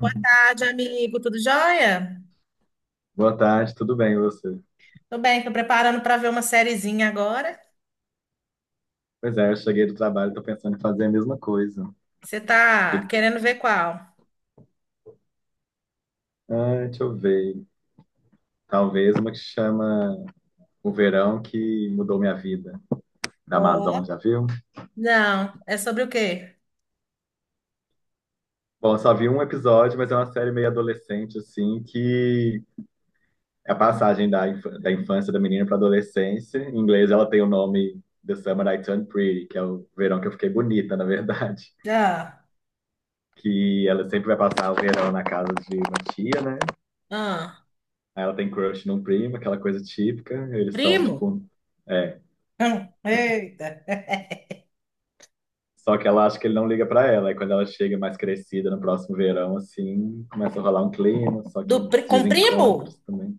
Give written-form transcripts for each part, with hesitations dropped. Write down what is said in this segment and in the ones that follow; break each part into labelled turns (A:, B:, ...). A: Boa tarde, amigo. Tudo jóia?
B: Boa tarde, tudo bem, e você?
A: Tô bem, tô preparando para ver uma sériezinha agora.
B: Pois é, eu cheguei do trabalho, e tô pensando em fazer a mesma coisa.
A: Você tá querendo ver qual?
B: Ah, deixa eu ver. Talvez uma que chama O Verão que Mudou Minha Vida, da Amazon,
A: Ó.
B: já viu?
A: Não, é sobre o quê?
B: Bom, eu só vi um episódio, mas é uma série meio adolescente, assim, que é a passagem da infância da menina para adolescência. Em inglês, ela tem o nome The Summer I Turned Pretty, que é o verão que eu fiquei bonita, na verdade.
A: Já.
B: Que ela sempre vai passar o verão na casa de uma tia, né?
A: Ah,
B: Aí ela tem crush num primo, aquela coisa típica. Eles são,
A: primo?
B: tipo, é.
A: Eita.
B: Só que ela acha que ele não liga pra ela. Aí quando ela chega mais crescida no próximo verão, assim, começa a rolar um clima, só que uns
A: Com primo?
B: desencontros também.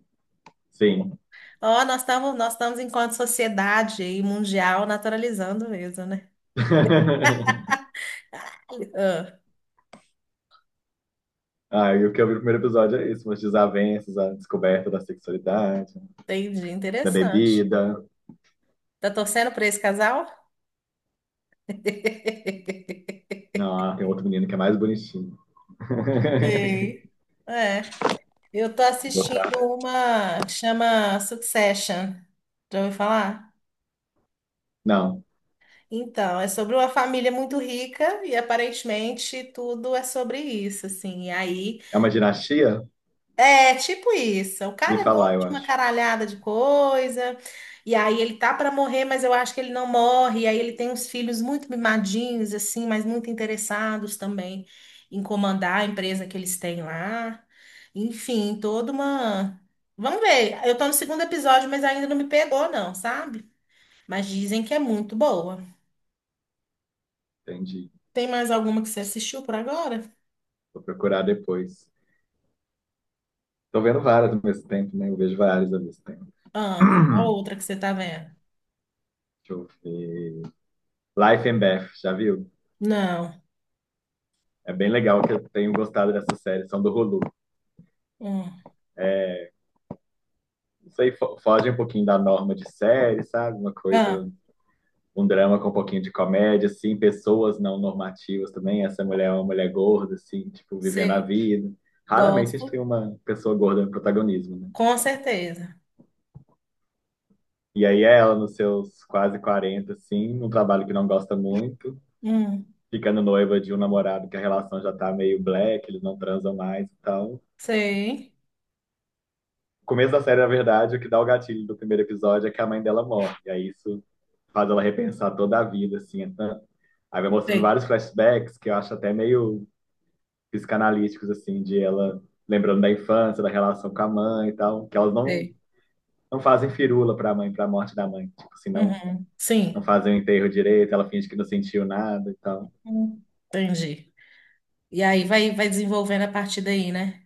B: Sim.
A: Ó, nós estamos enquanto sociedade e mundial naturalizando mesmo, né? Ah,
B: Ah, e o que eu vi no primeiro episódio é isso, umas desavenças, a descoberta da sexualidade,
A: entendi,
B: da
A: interessante.
B: bebida.
A: Tá torcendo para esse casal?
B: Não, ah, tem outro menino que é mais bonitinho.
A: Sei. É. Eu tô
B: Gostar,
A: assistindo
B: né?
A: uma que chama Succession. Já ouviu falar?
B: Não.
A: Então, é sobre uma família muito rica e aparentemente tudo é sobre isso, assim. E aí
B: É uma dinastia?
A: é, tipo isso. O
B: Vi
A: cara é dono
B: falar, eu
A: de uma
B: acho.
A: caralhada de coisa, e aí ele tá pra morrer, mas eu acho que ele não morre. E aí ele tem uns filhos muito mimadinhos, assim, mas muito interessados também em comandar a empresa que eles têm lá. Enfim, toda uma. Vamos ver. Eu tô no segundo episódio, mas ainda não me pegou, não, sabe? Mas dizem que é muito boa.
B: Entendi.
A: Tem mais alguma que você assistiu por agora?
B: Vou procurar depois. Tô vendo várias ao mesmo tempo, né? Eu vejo várias ao mesmo tempo.
A: Ah, qual outra que você tá vendo?
B: Deixa eu ver. Life and Beth, já viu?
A: Não.
B: É bem legal, que eu tenho gostado dessa série, são do Hulu.
A: Hum.
B: Isso aí foge um pouquinho da norma de série, sabe? Uma
A: Ah,
B: coisa, um drama com um pouquinho de comédia, assim, pessoas não normativas também. Essa mulher é uma mulher gorda, assim, tipo, vivendo a
A: sei.
B: vida. Raramente a gente
A: Gosto.
B: tem uma pessoa gorda no protagonismo, né?
A: Com certeza.
B: E aí ela, nos seus quase 40, assim, num trabalho que não gosta muito,
A: Hum,
B: ficando noiva de um namorado que a relação já tá meio black, eles não transam mais, então.
A: sei.
B: O começo da série, na verdade, o que dá o gatilho do primeiro episódio é que a mãe dela morre. E aí isso faz ela repensar toda a vida, assim, então. Aí vai mostrando
A: Sei,
B: vários flashbacks que eu acho até meio psicanalíticos, assim, de ela lembrando da infância, da relação com a mãe e tal, que elas não,
A: sei.
B: não fazem firula pra mãe, pra morte da mãe. Tipo assim, não,
A: Uhum.
B: não
A: Sim.
B: fazem o enterro direito, ela finge que não sentiu nada e tal.
A: Entendi. E aí vai, vai desenvolvendo a partir daí, né?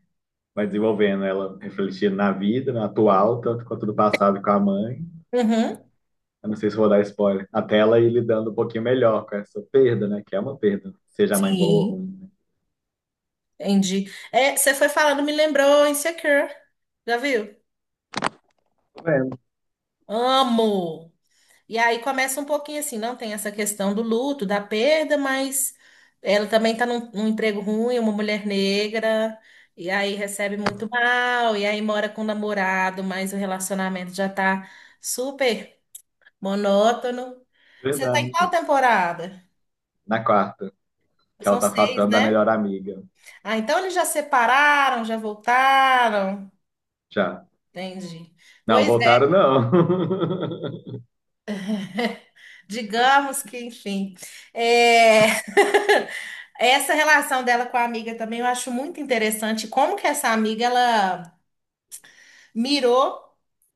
B: Vai desenvolvendo ela refletindo na vida, no atual, tanto quanto no passado com a mãe.
A: Uhum.
B: Eu não sei se vou dar spoiler. Até ela ir lidando um pouquinho melhor com essa perda, né? Que é uma perda, seja a mãe boa ou
A: Sim,
B: ruim.
A: entendi. É, você foi falando, me lembrou Insecure. Já viu?
B: Né? É,
A: Amo! E aí começa um pouquinho assim, não tem essa questão do luto, da perda, mas ela também está num emprego ruim, uma mulher negra, e aí recebe muito mal, e aí mora com o namorado, mas o relacionamento já tá super monótono. Você tá em qual
B: verdade.
A: temporada?
B: Na quarta, que ela
A: São
B: tá
A: seis,
B: afastando da
A: né?
B: melhor amiga.
A: Ah, então eles já separaram, já voltaram.
B: Já.
A: Entendi.
B: Não,
A: Pois é,
B: voltaram não.
A: digamos que, enfim. É... Essa relação dela com a amiga também eu acho muito interessante. Como que essa amiga ela mirou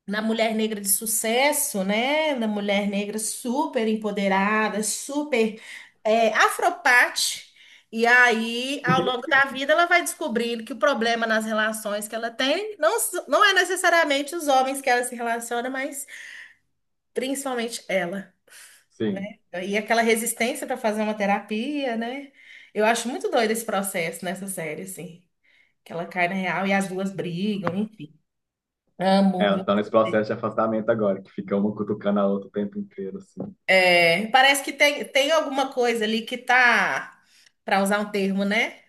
A: na mulher negra de sucesso, né? Na mulher negra super empoderada, super é, afropate. E aí, ao longo da vida, ela vai descobrindo que o problema nas relações que ela tem não é necessariamente os homens que ela se relaciona, mas principalmente ela,
B: Sim.
A: né? E aquela resistência para fazer uma terapia, né? Eu acho muito doido esse processo nessa série, assim. Que ela cai na real e as duas brigam, enfim.
B: É,
A: Amo,
B: elas
A: viu?
B: estão nesse processo de afastamento agora, que fica uma cutucando a outra o tempo inteiro, assim.
A: É, parece que tem, alguma coisa ali que tá, para usar um termo, né?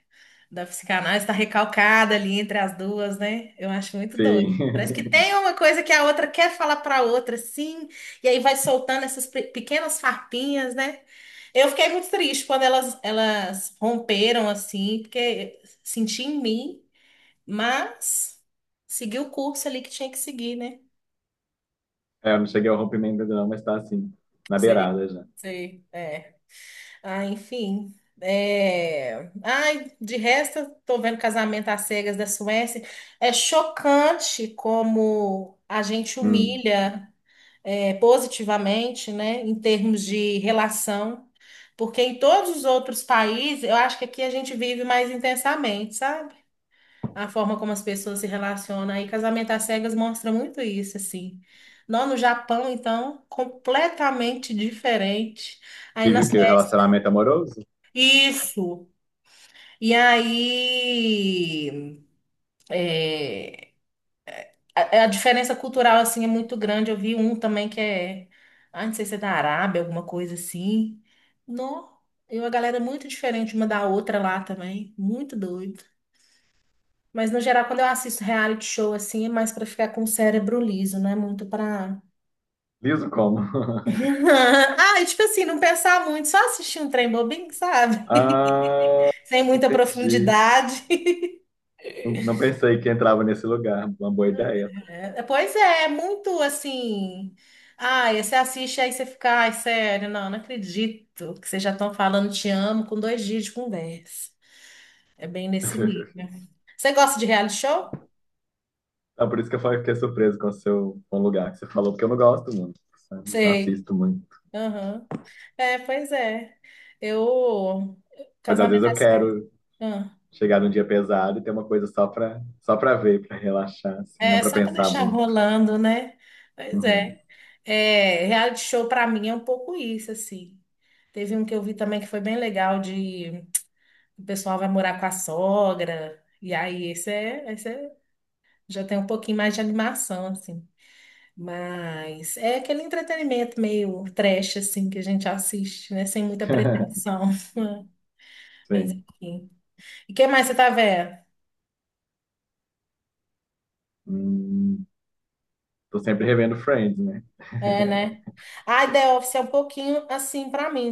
A: Da psicanálise está recalcada ali entre as duas, né? Eu acho muito doido.
B: Sim.
A: Parece que tem uma coisa que a outra quer falar para a outra, sim, e aí vai soltando essas pequenas farpinhas, né? Eu fiquei muito triste quando elas romperam assim, porque senti em mim, mas segui o curso ali que tinha que seguir, né?
B: É, eu não cheguei ao rompimento ainda não, mas tá assim, na
A: Sei,
B: beirada já.
A: sei. É. Ah, enfim. É... Ai, de resto, tô vendo Casamento às Cegas da Suécia. É chocante como a gente
B: Hum.
A: humilha é, positivamente, né, em termos de relação, porque em todos os outros países, eu acho que aqui a gente vive mais intensamente, sabe? A forma como as pessoas se relacionam. Aí Casamento às Cegas mostra muito isso, assim. Não, no Japão, então, completamente diferente. Aí na
B: Vive o quê? O
A: Suécia.
B: relacionamento amoroso?
A: Isso. E aí, é, a diferença cultural, assim, é muito grande. Eu vi um também que é, ah, não sei se é da Arábia, alguma coisa assim. Não, e uma galera é muito diferente uma da outra lá também, muito doido. Mas, no geral, quando eu assisto reality show, assim, é mais pra ficar com o cérebro liso, não é muito pra...
B: Liso como?
A: Ah, e tipo assim, não pensar muito, só assistir um trem bobinho, sabe?
B: Ah,
A: Sem muita
B: entendi.
A: profundidade.
B: Não, não pensei que entrava nesse lugar. Uma boa ideia, tá?
A: É, pois é, é muito assim. Ai, você assiste aí você fica, ai, sério, não, não acredito que vocês já estão falando te amo com 2 dias de conversa. É bem nesse nível. Você gosta de reality show?
B: Ah, por isso que eu fiquei surpreso com o seu com o lugar que você falou, porque eu não gosto muito, sabe? Não
A: Sei.
B: assisto muito.
A: Aham. É, pois é. Eu.
B: Mas às vezes
A: Casamento.
B: eu quero
A: Ah,
B: chegar num dia pesado e ter uma coisa só pra ver, pra relaxar, assim, não
A: é
B: pra
A: só para
B: pensar
A: deixar
B: muito.
A: rolando, né? Pois é.
B: Uhum.
A: É, reality show para mim é um pouco isso, assim. Teve um que eu vi também que foi bem legal de o pessoal vai morar com a sogra. E aí, já tem um pouquinho mais de animação, assim. Mas é aquele entretenimento meio trash, assim, que a gente assiste, né? Sem muita pretensão. Mas
B: Sim.
A: enfim. E o que mais você tá vendo?
B: Hum, Tô sempre revendo Friends, né?
A: É, né? A The Office é um pouquinho assim pra mim,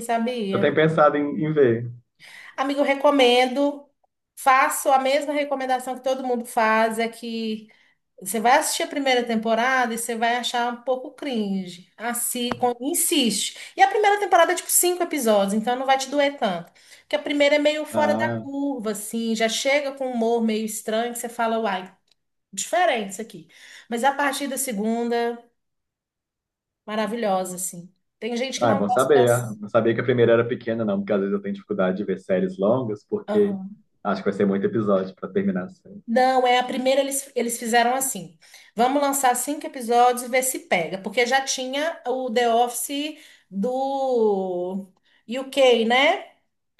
B: Eu tenho
A: sabia?
B: pensado em ver.
A: Amigo, eu recomendo. Faço a mesma recomendação que todo mundo faz, é que você vai assistir a primeira temporada e você vai achar um pouco cringe. Assim, insiste. E a primeira temporada é tipo cinco episódios, então não vai te doer tanto. Porque a primeira é meio fora da
B: Ah.
A: curva, assim, já chega com um humor meio estranho que você fala, uai, diferente isso aqui. Mas a partir da segunda, maravilhosa, assim. Tem gente que
B: Ah, é
A: não
B: bom
A: gosta
B: saber, é.
A: das.
B: Não sabia que a primeira era pequena, não, porque às vezes eu tenho dificuldade de ver séries longas, porque acho que vai ser muito episódio para terminar a série.
A: Não, é a primeira eles fizeram assim. Vamos lançar cinco episódios e ver se pega, porque já tinha o The Office do UK, né?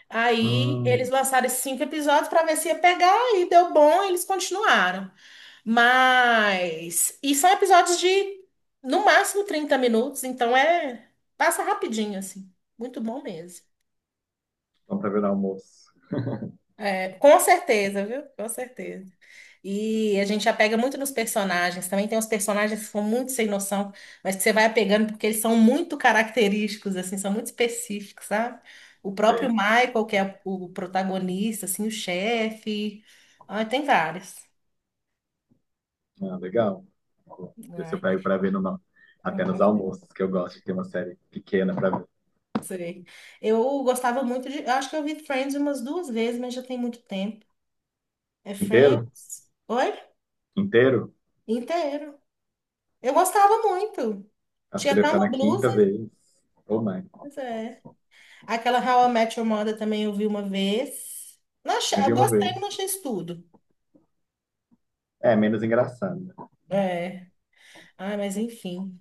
A: Aí eles
B: Hum,
A: lançaram esses cinco episódios para ver se ia pegar e deu bom, eles continuaram. Mas e são episódios de no máximo 30 minutos, então é passa rapidinho assim. Muito bom mesmo.
B: vamos para ver no almoço.
A: É, com certeza, viu? Com certeza. E a gente apega muito nos personagens. Também tem uns personagens que são muito sem noção, mas que você vai apegando porque eles são muito característicos, assim, são muito específicos, sabe? O próprio
B: Sei.
A: Michael, que é o protagonista, assim, o chefe. Ai, tem vários.
B: Ah, legal. Vou ver se eu
A: Ai,
B: pego para ver numa... apenas
A: uhum,
B: almoços, que eu gosto de ter uma série pequena para ver.
A: sei. Eu gostava muito de. Eu acho que eu vi Friends umas duas vezes, mas já tem muito tempo. É
B: Inteiro?
A: Friends? Oi?
B: Inteiro?
A: Inteiro. Eu gostava muito.
B: Acho que
A: Tinha
B: eu devo
A: até
B: estar
A: uma
B: na quinta
A: blusa.
B: vez. Ou mais.
A: Pois é. Aquela How I Met Your Mother também eu vi uma vez. Não achei,
B: Me
A: eu
B: vi uma
A: gostei, mas não achei
B: vez.
A: isso tudo.
B: É, menos engraçado, né?
A: É. Ai, mas enfim.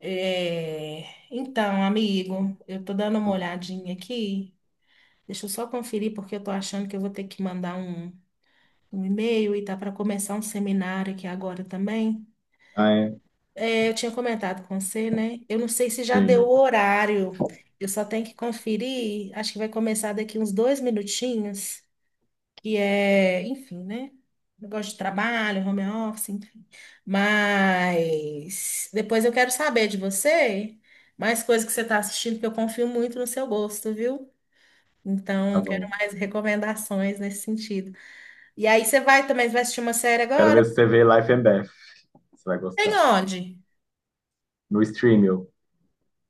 A: É, então, amigo, eu tô dando uma
B: Hum.
A: olhadinha aqui. Deixa eu só conferir, porque eu tô achando que eu vou ter que mandar um e-mail e tá para começar um seminário aqui agora também.
B: Ah, é?
A: É, eu tinha comentado com você, né? Eu não sei se já deu o
B: Sim,
A: horário. Eu só tenho que conferir. Acho que vai começar daqui uns 2 minutinhos. Que é, enfim, né? Negócio de trabalho, home office, enfim. Mas depois eu quero saber de você mais coisas que você está assistindo, que eu confio muito no seu gosto, viu?
B: tá
A: Então, quero
B: bom.
A: mais recomendações nesse sentido. E aí você vai assistir uma série
B: Quero
A: agora?
B: ver se você vê Life and Death. Você vai
A: Tem
B: gostar.
A: onde?
B: No Streamio.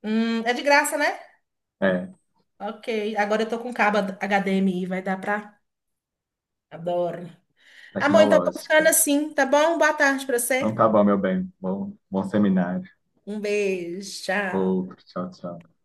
A: É de graça, né?
B: É.
A: Ok. Agora eu tô com cabo HDMI, vai dar pra. Adoro. Amor, então vou ficando
B: Tecnológica.
A: assim, tá bom? Boa tarde pra
B: Então
A: você.
B: tá bom, meu bem. Bom, bom seminário.
A: Um beijo, tchau.
B: Outro. Tchau, tchau.